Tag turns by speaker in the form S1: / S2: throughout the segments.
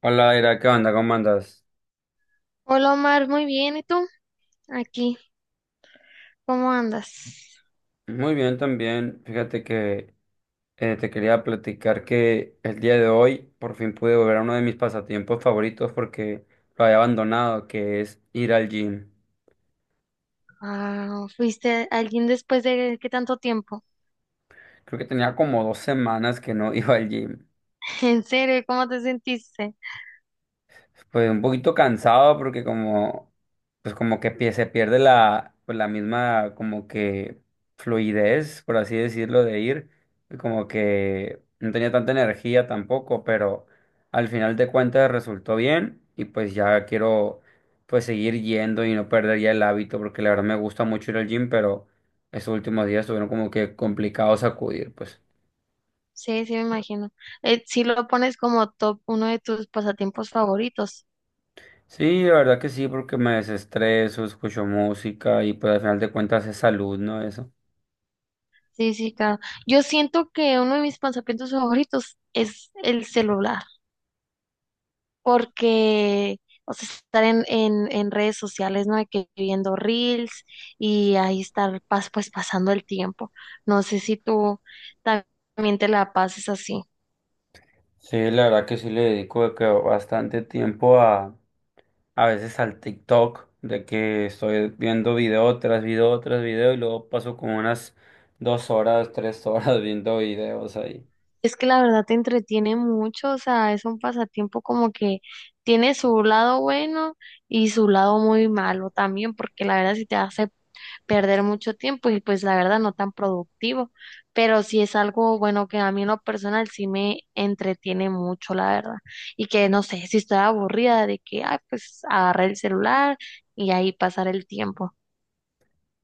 S1: Hola, Ira, ¿qué onda? ¿Cómo andas?
S2: Hola Omar, muy bien, ¿y tú? Aquí, ¿cómo andas?
S1: Muy bien también. Fíjate que te quería platicar que el día de hoy por fin pude volver a uno de mis pasatiempos favoritos porque lo había abandonado, que es ir al gym.
S2: Ah, ¿fuiste alguien después de qué tanto tiempo?
S1: Creo que tenía como 2 semanas que no iba al gym.
S2: ¿En serio? ¿Cómo te sentiste?
S1: Pues un poquito cansado porque como, pues como que se pierde pues la misma como que fluidez, por así decirlo, de ir. Y como que no tenía tanta energía tampoco, pero al final de cuentas resultó bien y pues ya quiero pues seguir yendo y no perder ya el hábito porque la verdad me gusta mucho ir al gym, pero estos últimos días estuvieron como que complicados acudir, pues.
S2: Sí, sí, me imagino. Si lo pones como top uno de tus pasatiempos favoritos.
S1: Sí, la verdad que sí, porque me desestreso, escucho música y pues al final de cuentas es salud, ¿no? Eso.
S2: Sí, sí, claro. Yo siento que uno de mis pasatiempos favoritos es el celular. Porque, o sea, estar en redes sociales, ¿no? De que viendo reels y ahí estar pues pasando el tiempo. No sé si tú también te la pases así.
S1: Sí, la verdad que sí le dedico de que bastante tiempo a veces al TikTok, de que estoy viendo video tras video tras video y luego paso como unas 2 horas, 3 horas viendo videos ahí.
S2: Es que la verdad te entretiene mucho, o sea, es un pasatiempo como que tiene su lado bueno y su lado muy malo también, porque la verdad si te hace perder mucho tiempo y pues la verdad no tan productivo, pero sí es algo bueno que a mí en lo personal sí me entretiene mucho, la verdad, y que no sé si estoy aburrida de que, ay, pues agarrar el celular y ahí pasar el tiempo.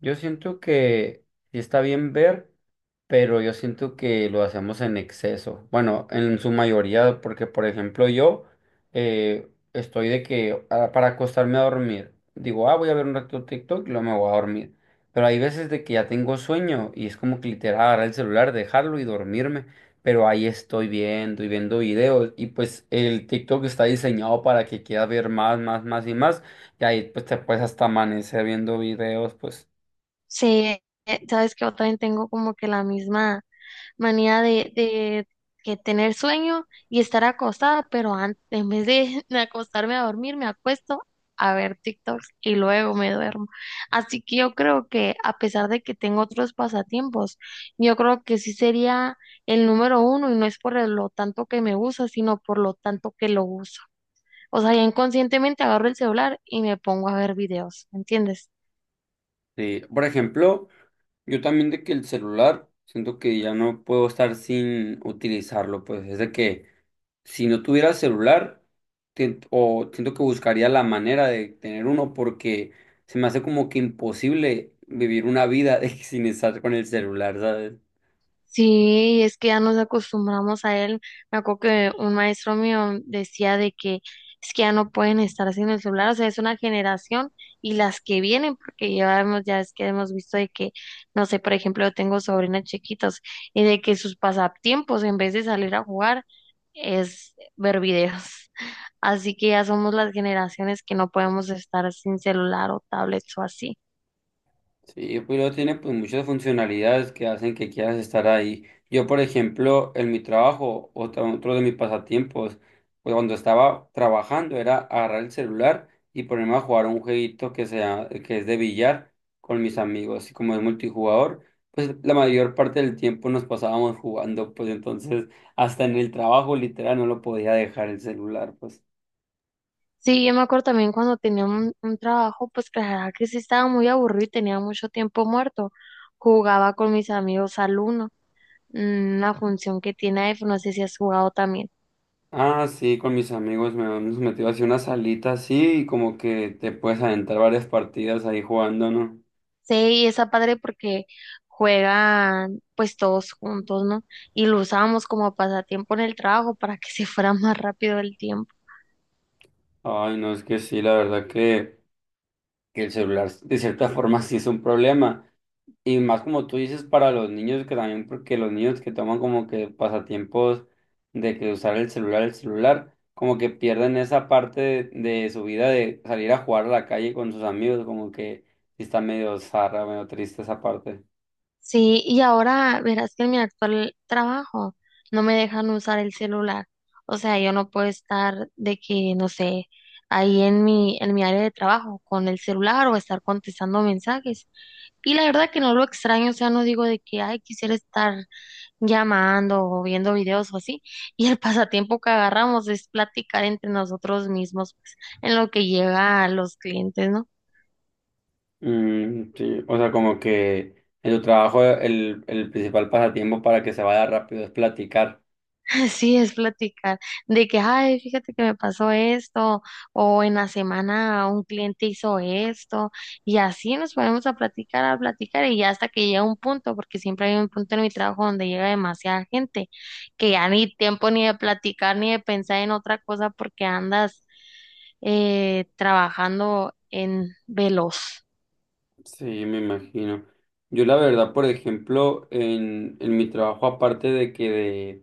S1: Yo siento que sí está bien ver, pero yo siento que lo hacemos en exceso. Bueno, en su mayoría, porque por ejemplo yo estoy de que para acostarme a dormir, digo, voy a ver un rato TikTok y luego me voy a dormir. Pero hay veces de que ya tengo sueño y es como que literal agarrar el celular, dejarlo y dormirme. Pero ahí estoy viendo y viendo videos y pues el TikTok está diseñado para que quieras ver más, más, más y más. Y ahí pues te puedes hasta amanecer viendo videos, pues.
S2: Sí, sabes que yo también tengo como que la misma manía de que tener sueño y estar acostada, pero antes, en vez de acostarme a dormir, me acuesto a ver TikToks y luego me duermo. Así que yo creo que a pesar de que tengo otros pasatiempos, yo creo que sí sería el número uno y no es por lo tanto que me gusta, sino por lo tanto que lo uso. O sea, ya inconscientemente agarro el celular y me pongo a ver videos, ¿me entiendes?
S1: Sí, por ejemplo, yo también de que el celular, siento que ya no puedo estar sin utilizarlo, pues es de que si no tuviera el celular, o siento que buscaría la manera de tener uno, porque se me hace como que imposible vivir una vida de que sin estar con el celular, ¿sabes?
S2: Sí, es que ya nos acostumbramos a él. Me acuerdo que un maestro mío decía de que es que ya no pueden estar sin el celular, o sea, es una generación y las que vienen, porque ya hemos, ya es que hemos visto de que, no sé, por ejemplo, yo tengo sobrinas chiquitas y de que sus pasatiempos, en vez de salir a jugar, es ver videos. Así que ya somos las generaciones que no podemos estar sin celular o tablets o así.
S1: Sí, pues luego tiene pues muchas funcionalidades que hacen que quieras estar ahí. Yo, por ejemplo, en mi trabajo, otro de mis pasatiempos, pues cuando estaba trabajando era agarrar el celular y ponerme a jugar un jueguito que sea, que es de billar con mis amigos. Y como es multijugador, pues la mayor parte del tiempo nos pasábamos jugando, pues entonces hasta en el trabajo literal no lo podía dejar el celular, pues.
S2: Sí, yo me acuerdo también cuando tenía un trabajo, pues que la verdad que sí estaba muy aburrido y tenía mucho tiempo muerto. Jugaba con mis amigos al Uno, mm, una función que tiene iPhone, no sé si has jugado también.
S1: Ah, sí, con mis amigos me hemos metido así una salita así y como que te puedes adentrar varias partidas ahí jugando, ¿no?
S2: Sí, y está padre porque juegan pues todos juntos, ¿no? Y lo usábamos como pasatiempo en el trabajo para que se fuera más rápido el tiempo.
S1: Ay, no, es que sí, la verdad que el celular de cierta forma sí es un problema. Y más como tú dices para los niños, que también porque los niños que toman como que pasatiempos de que usar el celular, como que pierden esa parte de su vida de salir a jugar a la calle con sus amigos, como que sí está medio zarra, medio triste esa parte.
S2: Sí, y ahora verás que en mi actual trabajo no me dejan usar el celular. O sea, yo no puedo estar de que, no sé, ahí en mi área de trabajo con el celular o estar contestando mensajes. Y la verdad que no lo extraño, o sea, no digo de que, ay, quisiera estar llamando o viendo videos o así. Y el pasatiempo que agarramos es platicar entre nosotros mismos, pues, en lo que llega a los clientes, ¿no?
S1: Mm, sí, o sea, como que en tu trabajo el principal pasatiempo para que se vaya rápido es platicar.
S2: Así es, platicar de que, ay, fíjate que me pasó esto, o en la semana un cliente hizo esto, y así nos ponemos a platicar, y ya hasta que llega un punto, porque siempre hay un punto en mi trabajo donde llega demasiada gente, que ya ni tiempo ni de platicar ni de pensar en otra cosa porque andas trabajando en veloz.
S1: Sí, me imagino. Yo la verdad, por ejemplo, en mi trabajo, aparte de que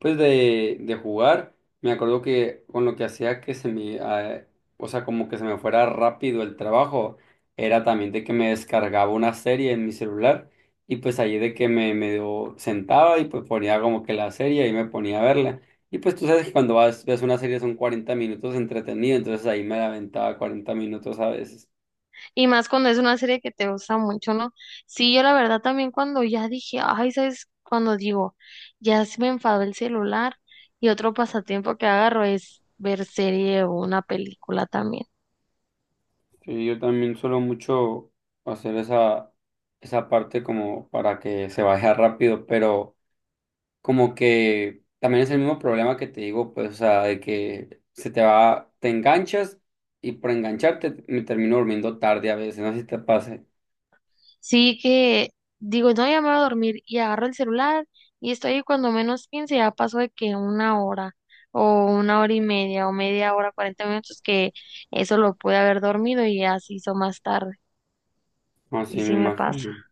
S1: pues de jugar, me acuerdo que con lo que hacía que se me, o sea, como que se me fuera rápido el trabajo, era también de que me descargaba una serie en mi celular y pues ahí de que me medio sentaba y pues ponía como que la serie y me ponía a verla. Y pues tú sabes que cuando vas, ves una serie son 40 minutos entretenido, entonces ahí me la aventaba 40 minutos a veces.
S2: Y más cuando es una serie que te gusta mucho, ¿no? Sí, yo la verdad también cuando ya dije, ay, ¿sabes? Cuando digo, ya se me enfadó el celular y otro pasatiempo que agarro es ver serie o una película también.
S1: Sí, yo también suelo mucho hacer esa parte como para que se vaya rápido, pero como que también es el mismo problema que te digo, pues, o sea, de que se te va, te enganchas y por engancharte me termino durmiendo tarde a veces, no sé si te pase.
S2: Sí que digo, no, ya me voy a dormir y agarro el celular y estoy ahí cuando menos 15, ya pasó de que una hora o una hora y media o media hora, 40 minutos, que eso lo pude haber dormido y así se hizo más tarde. Y
S1: Así me
S2: sí me pasa.
S1: imagino.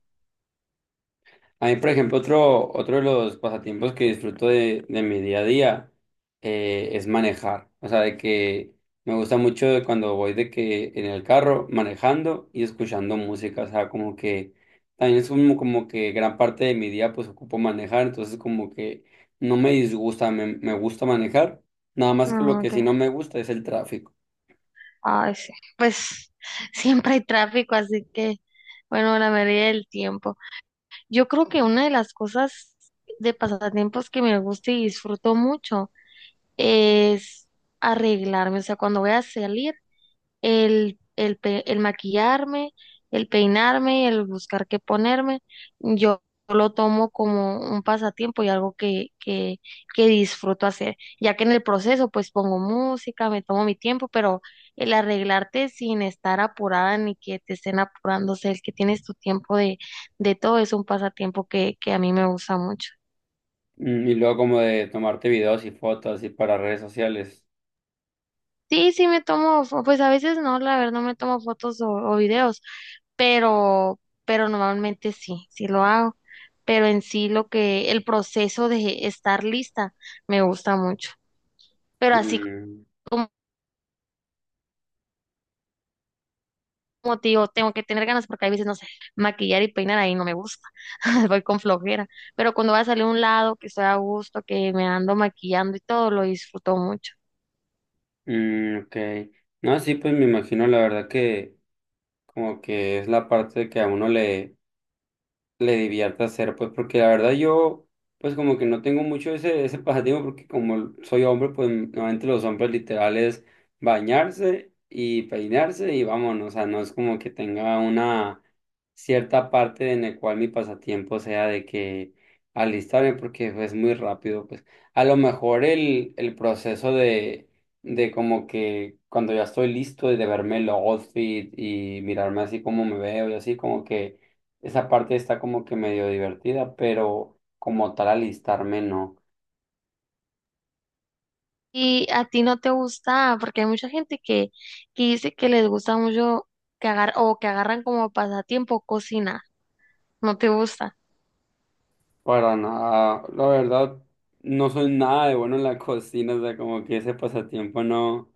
S1: A mí, por ejemplo, otro de los pasatiempos que disfruto de mi día a día es manejar. O sea, de que me gusta mucho de cuando voy de que en el carro manejando y escuchando música. O sea, como que también es como que gran parte de mi día pues ocupo manejar. Entonces como que no me disgusta, me gusta manejar. Nada más que lo
S2: No,
S1: que
S2: ok.
S1: sí no me gusta es el tráfico.
S2: Ay, sí. Pues siempre hay tráfico, así que, bueno, la mayoría del tiempo. Yo creo que una de las cosas de pasatiempos que me gusta y disfruto mucho es arreglarme. O sea, cuando voy a salir, el maquillarme, el peinarme, el buscar qué ponerme, yo lo tomo como un pasatiempo y algo que disfruto hacer, ya que en el proceso pues pongo música, me tomo mi tiempo, pero el arreglarte sin estar apurada ni que te estén apurándose, el que tienes tu tiempo de todo es un pasatiempo que a mí me gusta mucho.
S1: Mm. Y luego como de tomarte videos y fotos y para redes sociales.
S2: Sí, sí me tomo, pues a veces no, la verdad no me tomo fotos o videos, pero normalmente sí, sí lo hago. Pero en sí lo que, el proceso de estar lista me gusta mucho. Pero así
S1: Mm.
S2: como, como te digo, tengo que tener ganas porque a veces, no sé, maquillar y peinar ahí no me gusta, voy con flojera. Pero cuando voy a salir a un lado, que estoy a gusto, que me ando maquillando y todo, lo disfruto mucho.
S1: Mm, ok. No, sí, pues me imagino la verdad que como que es la parte que a uno le divierta hacer, pues, porque la verdad yo, pues, como que no tengo mucho ese, ese pasatiempo, porque como soy hombre, pues, normalmente los hombres literales bañarse y peinarse y vámonos, o sea, no es como que tenga una cierta parte en la cual mi pasatiempo sea de que alistarme, porque pues, es muy rápido, pues, a lo mejor el proceso de como que cuando ya estoy listo de verme el outfit y mirarme así como me veo y así como que esa parte está como que medio divertida, pero como tal alistarme no,
S2: Y a ti no te gusta, porque hay mucha gente que dice que les gusta mucho que agar o que agarran como pasatiempo cocinar. No te gusta,
S1: para nada. La verdad, no soy nada de bueno en la cocina, o sea, como que ese pasatiempo no,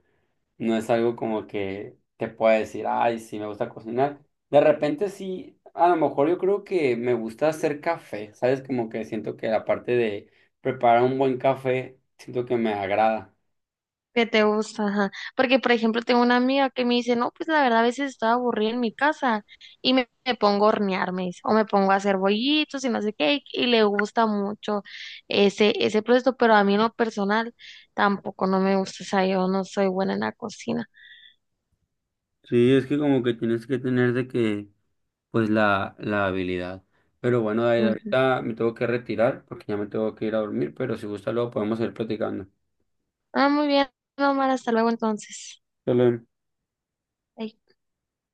S1: no es algo como que te pueda decir, ay, sí, me gusta cocinar. De repente sí, a lo mejor yo creo que me gusta hacer café, ¿sabes? Como que siento que la parte de preparar un buen café, siento que me agrada.
S2: que te gusta, ajá. Porque, por ejemplo, tengo una amiga que me dice, no, pues la verdad a veces estoy aburrida en mi casa y me pongo a hornear, me dice, o me pongo a hacer bollitos y no sé qué, y le gusta mucho ese, ese proceso, pero a mí en lo personal tampoco no me gusta, o sea, yo no soy buena en la cocina.
S1: Sí, es que como que tienes que tener de que pues la habilidad. Pero bueno, David,
S2: Ujú.
S1: ahorita me tengo que retirar porque ya me tengo que ir a dormir, pero si gusta luego podemos ir platicando.
S2: Ah, muy bien, Omar, hasta luego entonces.
S1: Shalom.
S2: Bye.